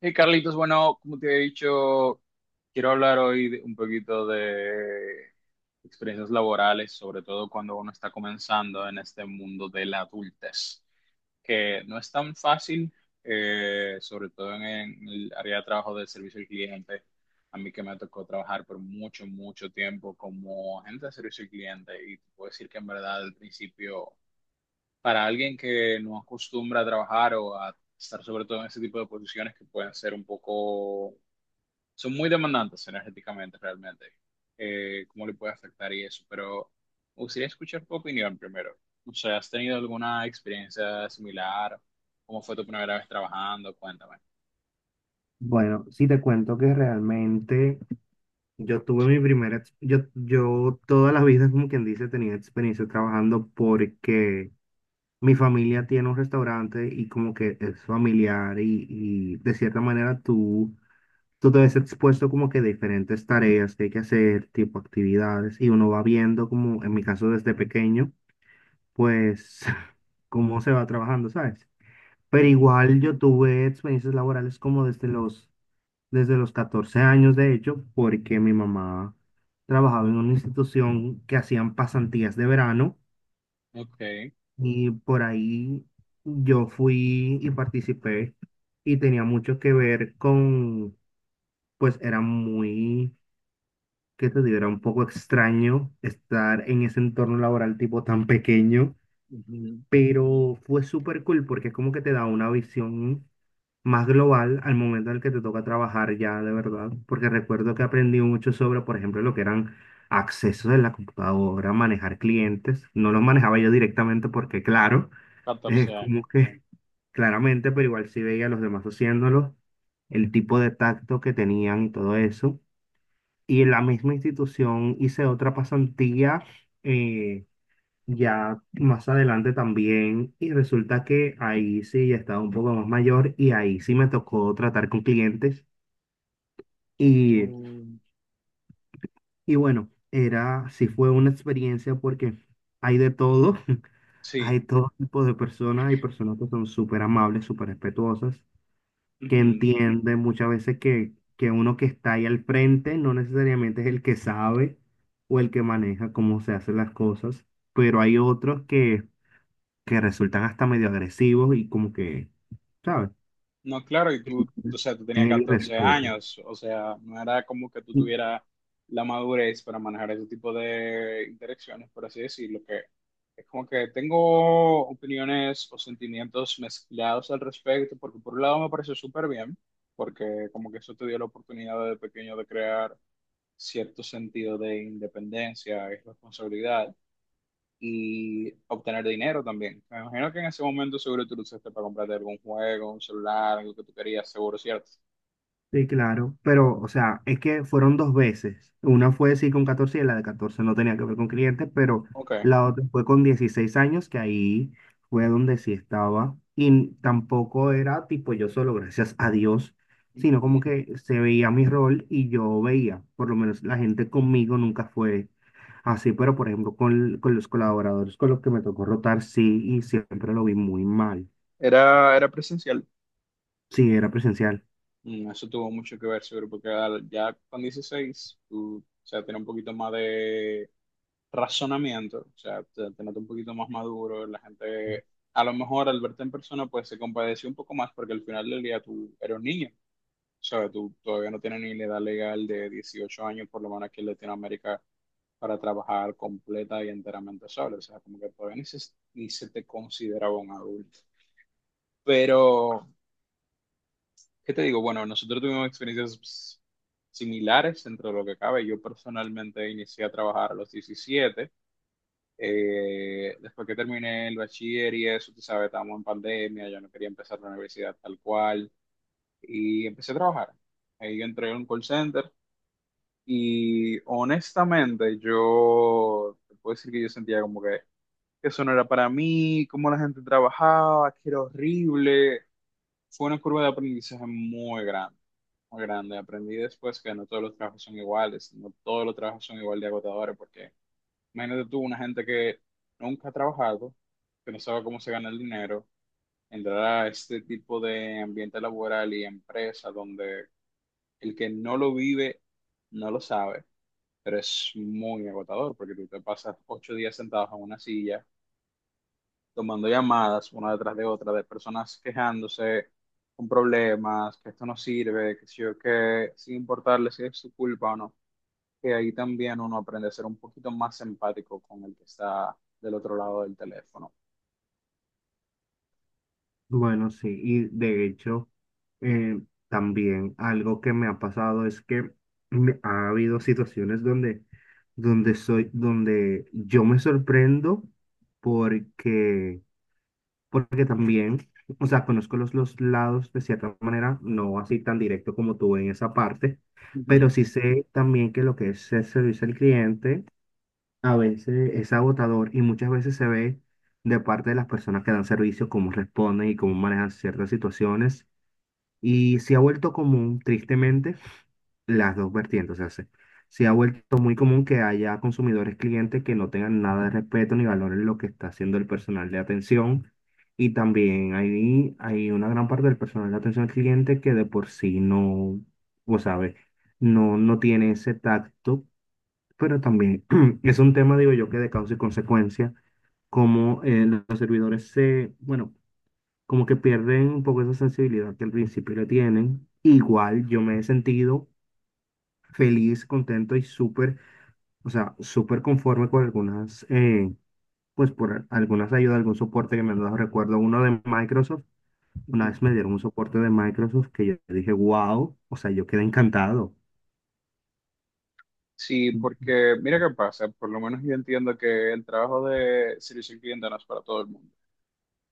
Hey Carlitos, bueno, como te he dicho, quiero hablar hoy un poquito de experiencias laborales, sobre todo cuando uno está comenzando en este mundo de la adultez, que no es tan fácil, sobre todo en el área de trabajo de servicio al cliente. A mí que me tocó trabajar por mucho, mucho tiempo como agente de servicio al cliente y te puedo decir que en verdad al principio para alguien que no acostumbra a trabajar o a estar sobre todo en ese tipo de posiciones que pueden ser un poco, son muy demandantes energéticamente realmente, cómo le puede afectar y eso, pero me gustaría escuchar tu opinión primero. O sea, ¿has tenido alguna experiencia similar? ¿Cómo fue tu primera vez trabajando? Cuéntame. Bueno, sí te cuento que realmente yo tuve mi primera, ex- yo todas las vidas, como quien dice, tenía experiencia trabajando porque mi familia tiene un restaurante y como que es familiar y de cierta manera tú te ves expuesto como que a diferentes tareas que hay que hacer, tipo actividades, y uno va viendo como, en mi caso desde pequeño, pues cómo se va trabajando, ¿sabes? Pero Ujú. igual yo tuve experiencias laborales como desde los 14 años, de hecho, porque mi mamá trabajaba en una institución que hacían pasantías de verano Ok. y por ahí yo fui y participé y tenía mucho que ver con, pues era muy, que te digo, era un poco extraño estar en ese entorno laboral tipo tan pequeño, Ujú. pero fue súper cool porque es como que te da una visión más global al momento en el que te toca trabajar ya de verdad, porque recuerdo que aprendí mucho sobre, por ejemplo, lo que eran accesos de la computadora, manejar clientes. No los manejaba yo directamente porque, claro, es 14 años. como que claramente, pero igual sí veía a los demás haciéndolo, el tipo de tacto que tenían y todo eso. Y en la misma institución hice otra pasantía eh, ya más adelante también y resulta que ahí sí ya estaba un poco más mayor y ahí sí me tocó tratar con clientes y, Mm. y bueno, era, sí fue una experiencia porque hay de todo, Sí. hay todo tipo de personas, hay personas que son súper amables, súper respetuosas, que Ujú. entienden muchas veces que uno que está ahí al frente no necesariamente es el que sabe o el que maneja cómo se hacen las cosas, pero hay otros que resultan hasta medio agresivos y como que, ¿sabes? No, claro, y tú, o sea, tú En tenías el 14 irrespeto. años, o sea, no era como que tú Sí, tuvieras la madurez para manejar ese tipo de interacciones, por así decirlo, que es como que tengo opiniones o sentimientos mezclados al respecto, porque por un lado me parece súper bien, porque como que eso te dio la oportunidad de pequeño de crear cierto sentido de independencia y responsabilidad, y obtener dinero también. Me imagino que en ese momento seguro tú lo usaste para comprarte algún juego, un celular, algo que tú querías, seguro, ¿cierto? sí, claro, pero, o sea, es que fueron dos veces. Una fue sí con 14 y la de 14 no tenía que ver con clientes, pero Ok. la otra fue con 16 años, que ahí fue donde sí estaba. Y tampoco era tipo yo solo, gracias a Dios, sino como Ujú. que se veía mi rol y yo veía, por lo menos la gente conmigo nunca fue así, pero por ejemplo, con los colaboradores con los que me tocó rotar, sí, y siempre lo vi muy mal. Era presencial. Sí, era presencial. Mm. Eso tuvo mucho que ver, seguro, porque ya con 16 tú, o sea, tienes un poquito más de razonamiento, o sea, te notas un poquito más maduro, la gente, a lo mejor al verte en persona, pues se compadeció un poco más, porque al final del día tú eres un niño, o sea, tú todavía no tienes ni la edad legal de 18 años, por lo menos aquí en Latinoamérica para trabajar completa y enteramente solo. O sea, como que todavía ni se te consideraba un adulto. Pero, ¿qué te digo? Bueno, nosotros tuvimos experiencias pues, similares dentro de lo que cabe. Yo personalmente inicié a trabajar a los 17. Después que terminé el bachiller y eso, tú sabes, estábamos en pandemia, yo no quería empezar la universidad tal cual. Y empecé a trabajar. Ahí entré en un call center. Y honestamente, yo te puedo decir que yo sentía como que eso no era para mí, cómo la gente trabajaba, que era horrible. Fue una curva de aprendizaje muy grande, muy grande. Aprendí después que no todos los trabajos son iguales, no todos los trabajos son igual de agotadores, porque imagínate tú, una gente que nunca ha trabajado, que no sabe cómo se gana el dinero, entrar a este tipo de ambiente laboral y empresa donde el que no lo vive no lo sabe, pero es muy agotador, porque tú te pasas 8 días sentados en una silla tomando llamadas una detrás de otra de personas quejándose con problemas, que esto no sirve, que si yo que sin importarle si es su culpa o no, que ahí también uno aprende a ser un poquito más empático con el que está del otro lado del teléfono. Bueno, sí, y de hecho, eh, también algo que me ha pasado es que ha habido situaciones donde, donde soy, donde yo me sorprendo porque, porque también, o sea, conozco los lados de cierta manera, no así tan directo como tú en esa parte, Ujú. pero sí sé también que lo que es el servicio al cliente a veces es agotador y muchas veces se ve de parte de las personas que dan servicio cómo responden y cómo manejan ciertas situaciones. Y se ha vuelto común, tristemente, las dos vertientes. O sea, se ha vuelto muy común que haya consumidores, clientes que no tengan nada de respeto ni valoren lo que está haciendo el personal de atención. Y también hay una gran parte del personal de atención al cliente que de por sí no, vos sabes, no, no tiene ese tacto pero también es un tema, digo yo, que de causa y consecuencia, como los servidores se, bueno, como que pierden un poco esa sensibilidad que al principio le tienen. Igual yo me he sentido feliz, contento y súper, o sea, súper conforme con algunas, pues por algunas ayudas, algún soporte que me han dado. Recuerdo uno de Microsoft, una Ujú. vez me dieron un soporte de Microsoft que yo dije, wow, o sea, yo quedé encantado. Sí, porque mira qué pasa, por lo menos yo entiendo que el trabajo de servicio al cliente no es para todo el mundo.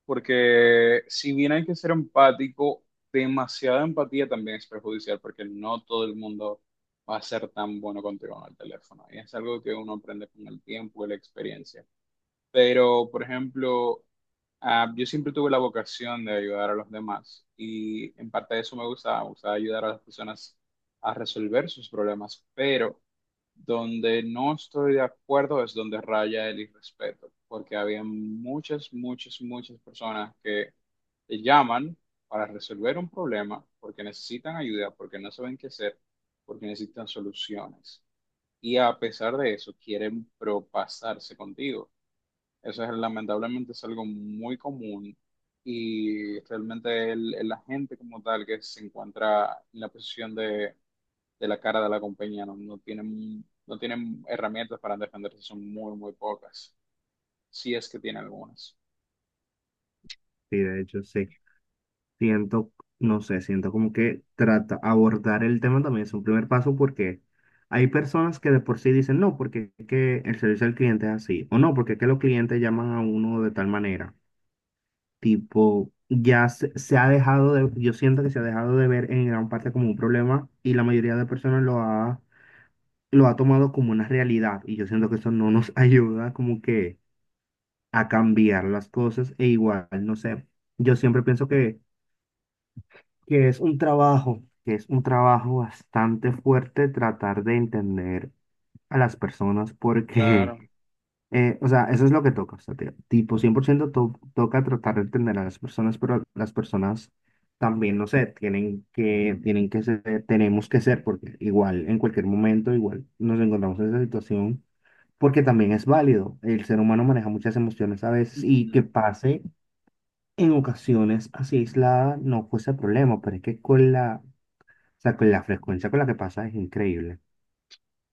Porque si bien hay que ser empático, demasiada empatía también es perjudicial, porque no todo el mundo va a ser tan bueno contigo en el teléfono. Y es algo que uno aprende con el tiempo y la experiencia. Pero, por ejemplo, ah, yo siempre tuve la vocación de ayudar a los demás y en parte de eso me gustaba ayudar a las personas a resolver sus problemas, pero donde no estoy de acuerdo es donde raya el irrespeto, porque había muchas, muchas, muchas personas que te llaman para resolver un problema porque necesitan ayuda, porque no saben qué hacer, porque necesitan soluciones. Y a pesar de eso, quieren propasarse contigo. Eso es, lamentablemente es algo muy común y realmente el agente como tal que se encuentra en la posición de la cara de la compañía no tienen, no tienen herramientas para defenderse, son muy, muy pocas, si es que tiene algunas. Y de hecho, sí. Siento, no sé, siento como que trata, abordar el tema también es un primer paso porque hay personas que de por sí dicen no, porque es que el servicio al cliente es así, o no, porque es que los clientes llaman a uno de tal manera. Tipo, ya se ha dejado de, yo siento que se ha dejado de ver en gran parte como un problema y la mayoría de personas lo ha tomado como una realidad y yo siento que eso no nos ayuda como que a cambiar las cosas e igual, no sé, yo siempre pienso que es un trabajo, que es un trabajo bastante fuerte tratar de entender a las personas porque, Claro. O sea, eso es lo que toca, o sea, tipo 100% toca tratar de entender a las personas, pero las personas también, no sé, tienen que ser, tenemos que ser, porque igual en cualquier momento, igual nos encontramos en esa situación, porque también es válido, el ser humano maneja muchas emociones a veces y que Ujú. pase en ocasiones así aislada no fuese problema, pero es que con la o sea, que la frecuencia con la que pasa es increíble.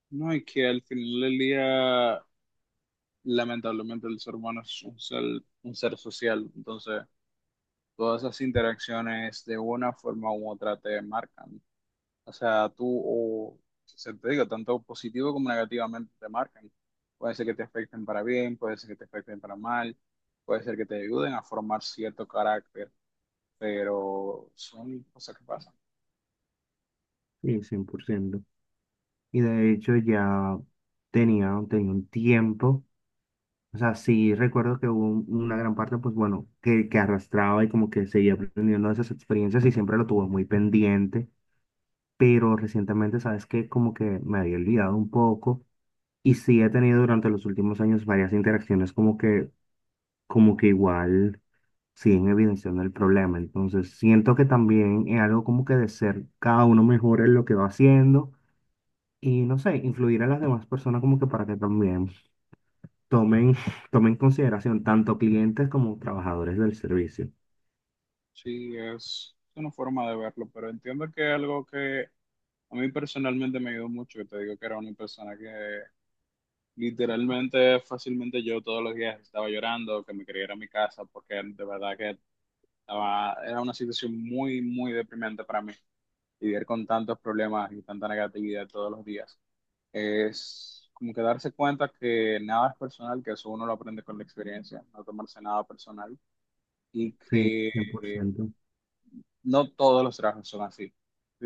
No, y que al final del día, lamentablemente, el ser humano es un ser social. Entonces, todas esas interacciones de una forma u otra te marcan. O sea, tú, o se te digo, tanto positivo como negativamente te marcan. Puede ser que te afecten para bien, puede ser que te afecten para mal, puede ser que te ayuden a formar cierto carácter, pero son cosas que pasan. Sí, cien por ciento. Y de hecho ya tenía un tiempo. O sea, sí recuerdo que hubo una gran parte, pues bueno, que arrastraba y como que seguía aprendiendo de esas experiencias y siempre lo tuve muy pendiente. Pero recientemente, ¿sabes qué? Como que me había olvidado un poco. Y sí he tenido durante los últimos años varias interacciones como que igual siguen evidenciando el problema. Entonces, siento que también es algo como que de ser cada uno mejor en lo que va haciendo y no sé, influir a las demás personas como que para que también tomen, tomen en consideración tanto clientes como trabajadores del servicio. Sí, es una forma de verlo, pero entiendo que algo que a mí personalmente me ayudó mucho, que te digo que era una persona que literalmente, fácilmente yo todos los días estaba llorando, que me quería ir a mi casa, porque de verdad que estaba, era una situación muy, muy deprimente para mí vivir con tantos problemas y tanta negatividad todos los días. Es como que darse cuenta que nada es personal, que eso uno lo aprende con la experiencia, no tomarse nada personal y Sí, que cien por eh, ciento. no todos los trabajos son así.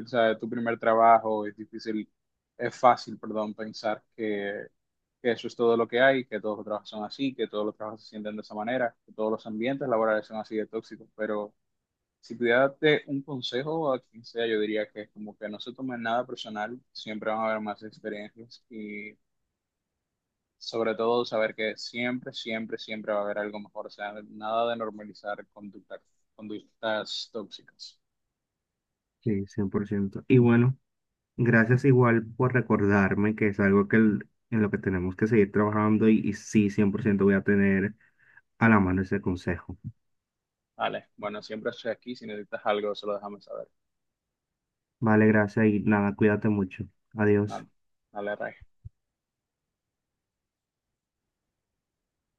O sea, tu primer trabajo es difícil, es fácil, perdón, pensar que eso es todo lo que hay, que todos los trabajos son así, que todos los trabajos se sienten de esa manera, que todos los ambientes laborales son así de tóxicos, pero si pudiera darte un consejo a quien sea, yo diría que es como que no se tomen nada personal, siempre van a haber más experiencias y sobre todo saber que siempre, siempre, siempre va a haber algo mejor, o sea, nada de normalizar conductas, conductas tóxicas. Sí, cien por ciento. Y bueno, gracias igual por recordarme que es algo que en lo que tenemos que seguir trabajando y sí, 100% voy a tener a la mano ese consejo. Vale, bueno, siempre estoy aquí, si necesitas algo, se lo dejamos saber. Vale, gracias y nada, cuídate mucho. Adiós. Nada, dale, Ray.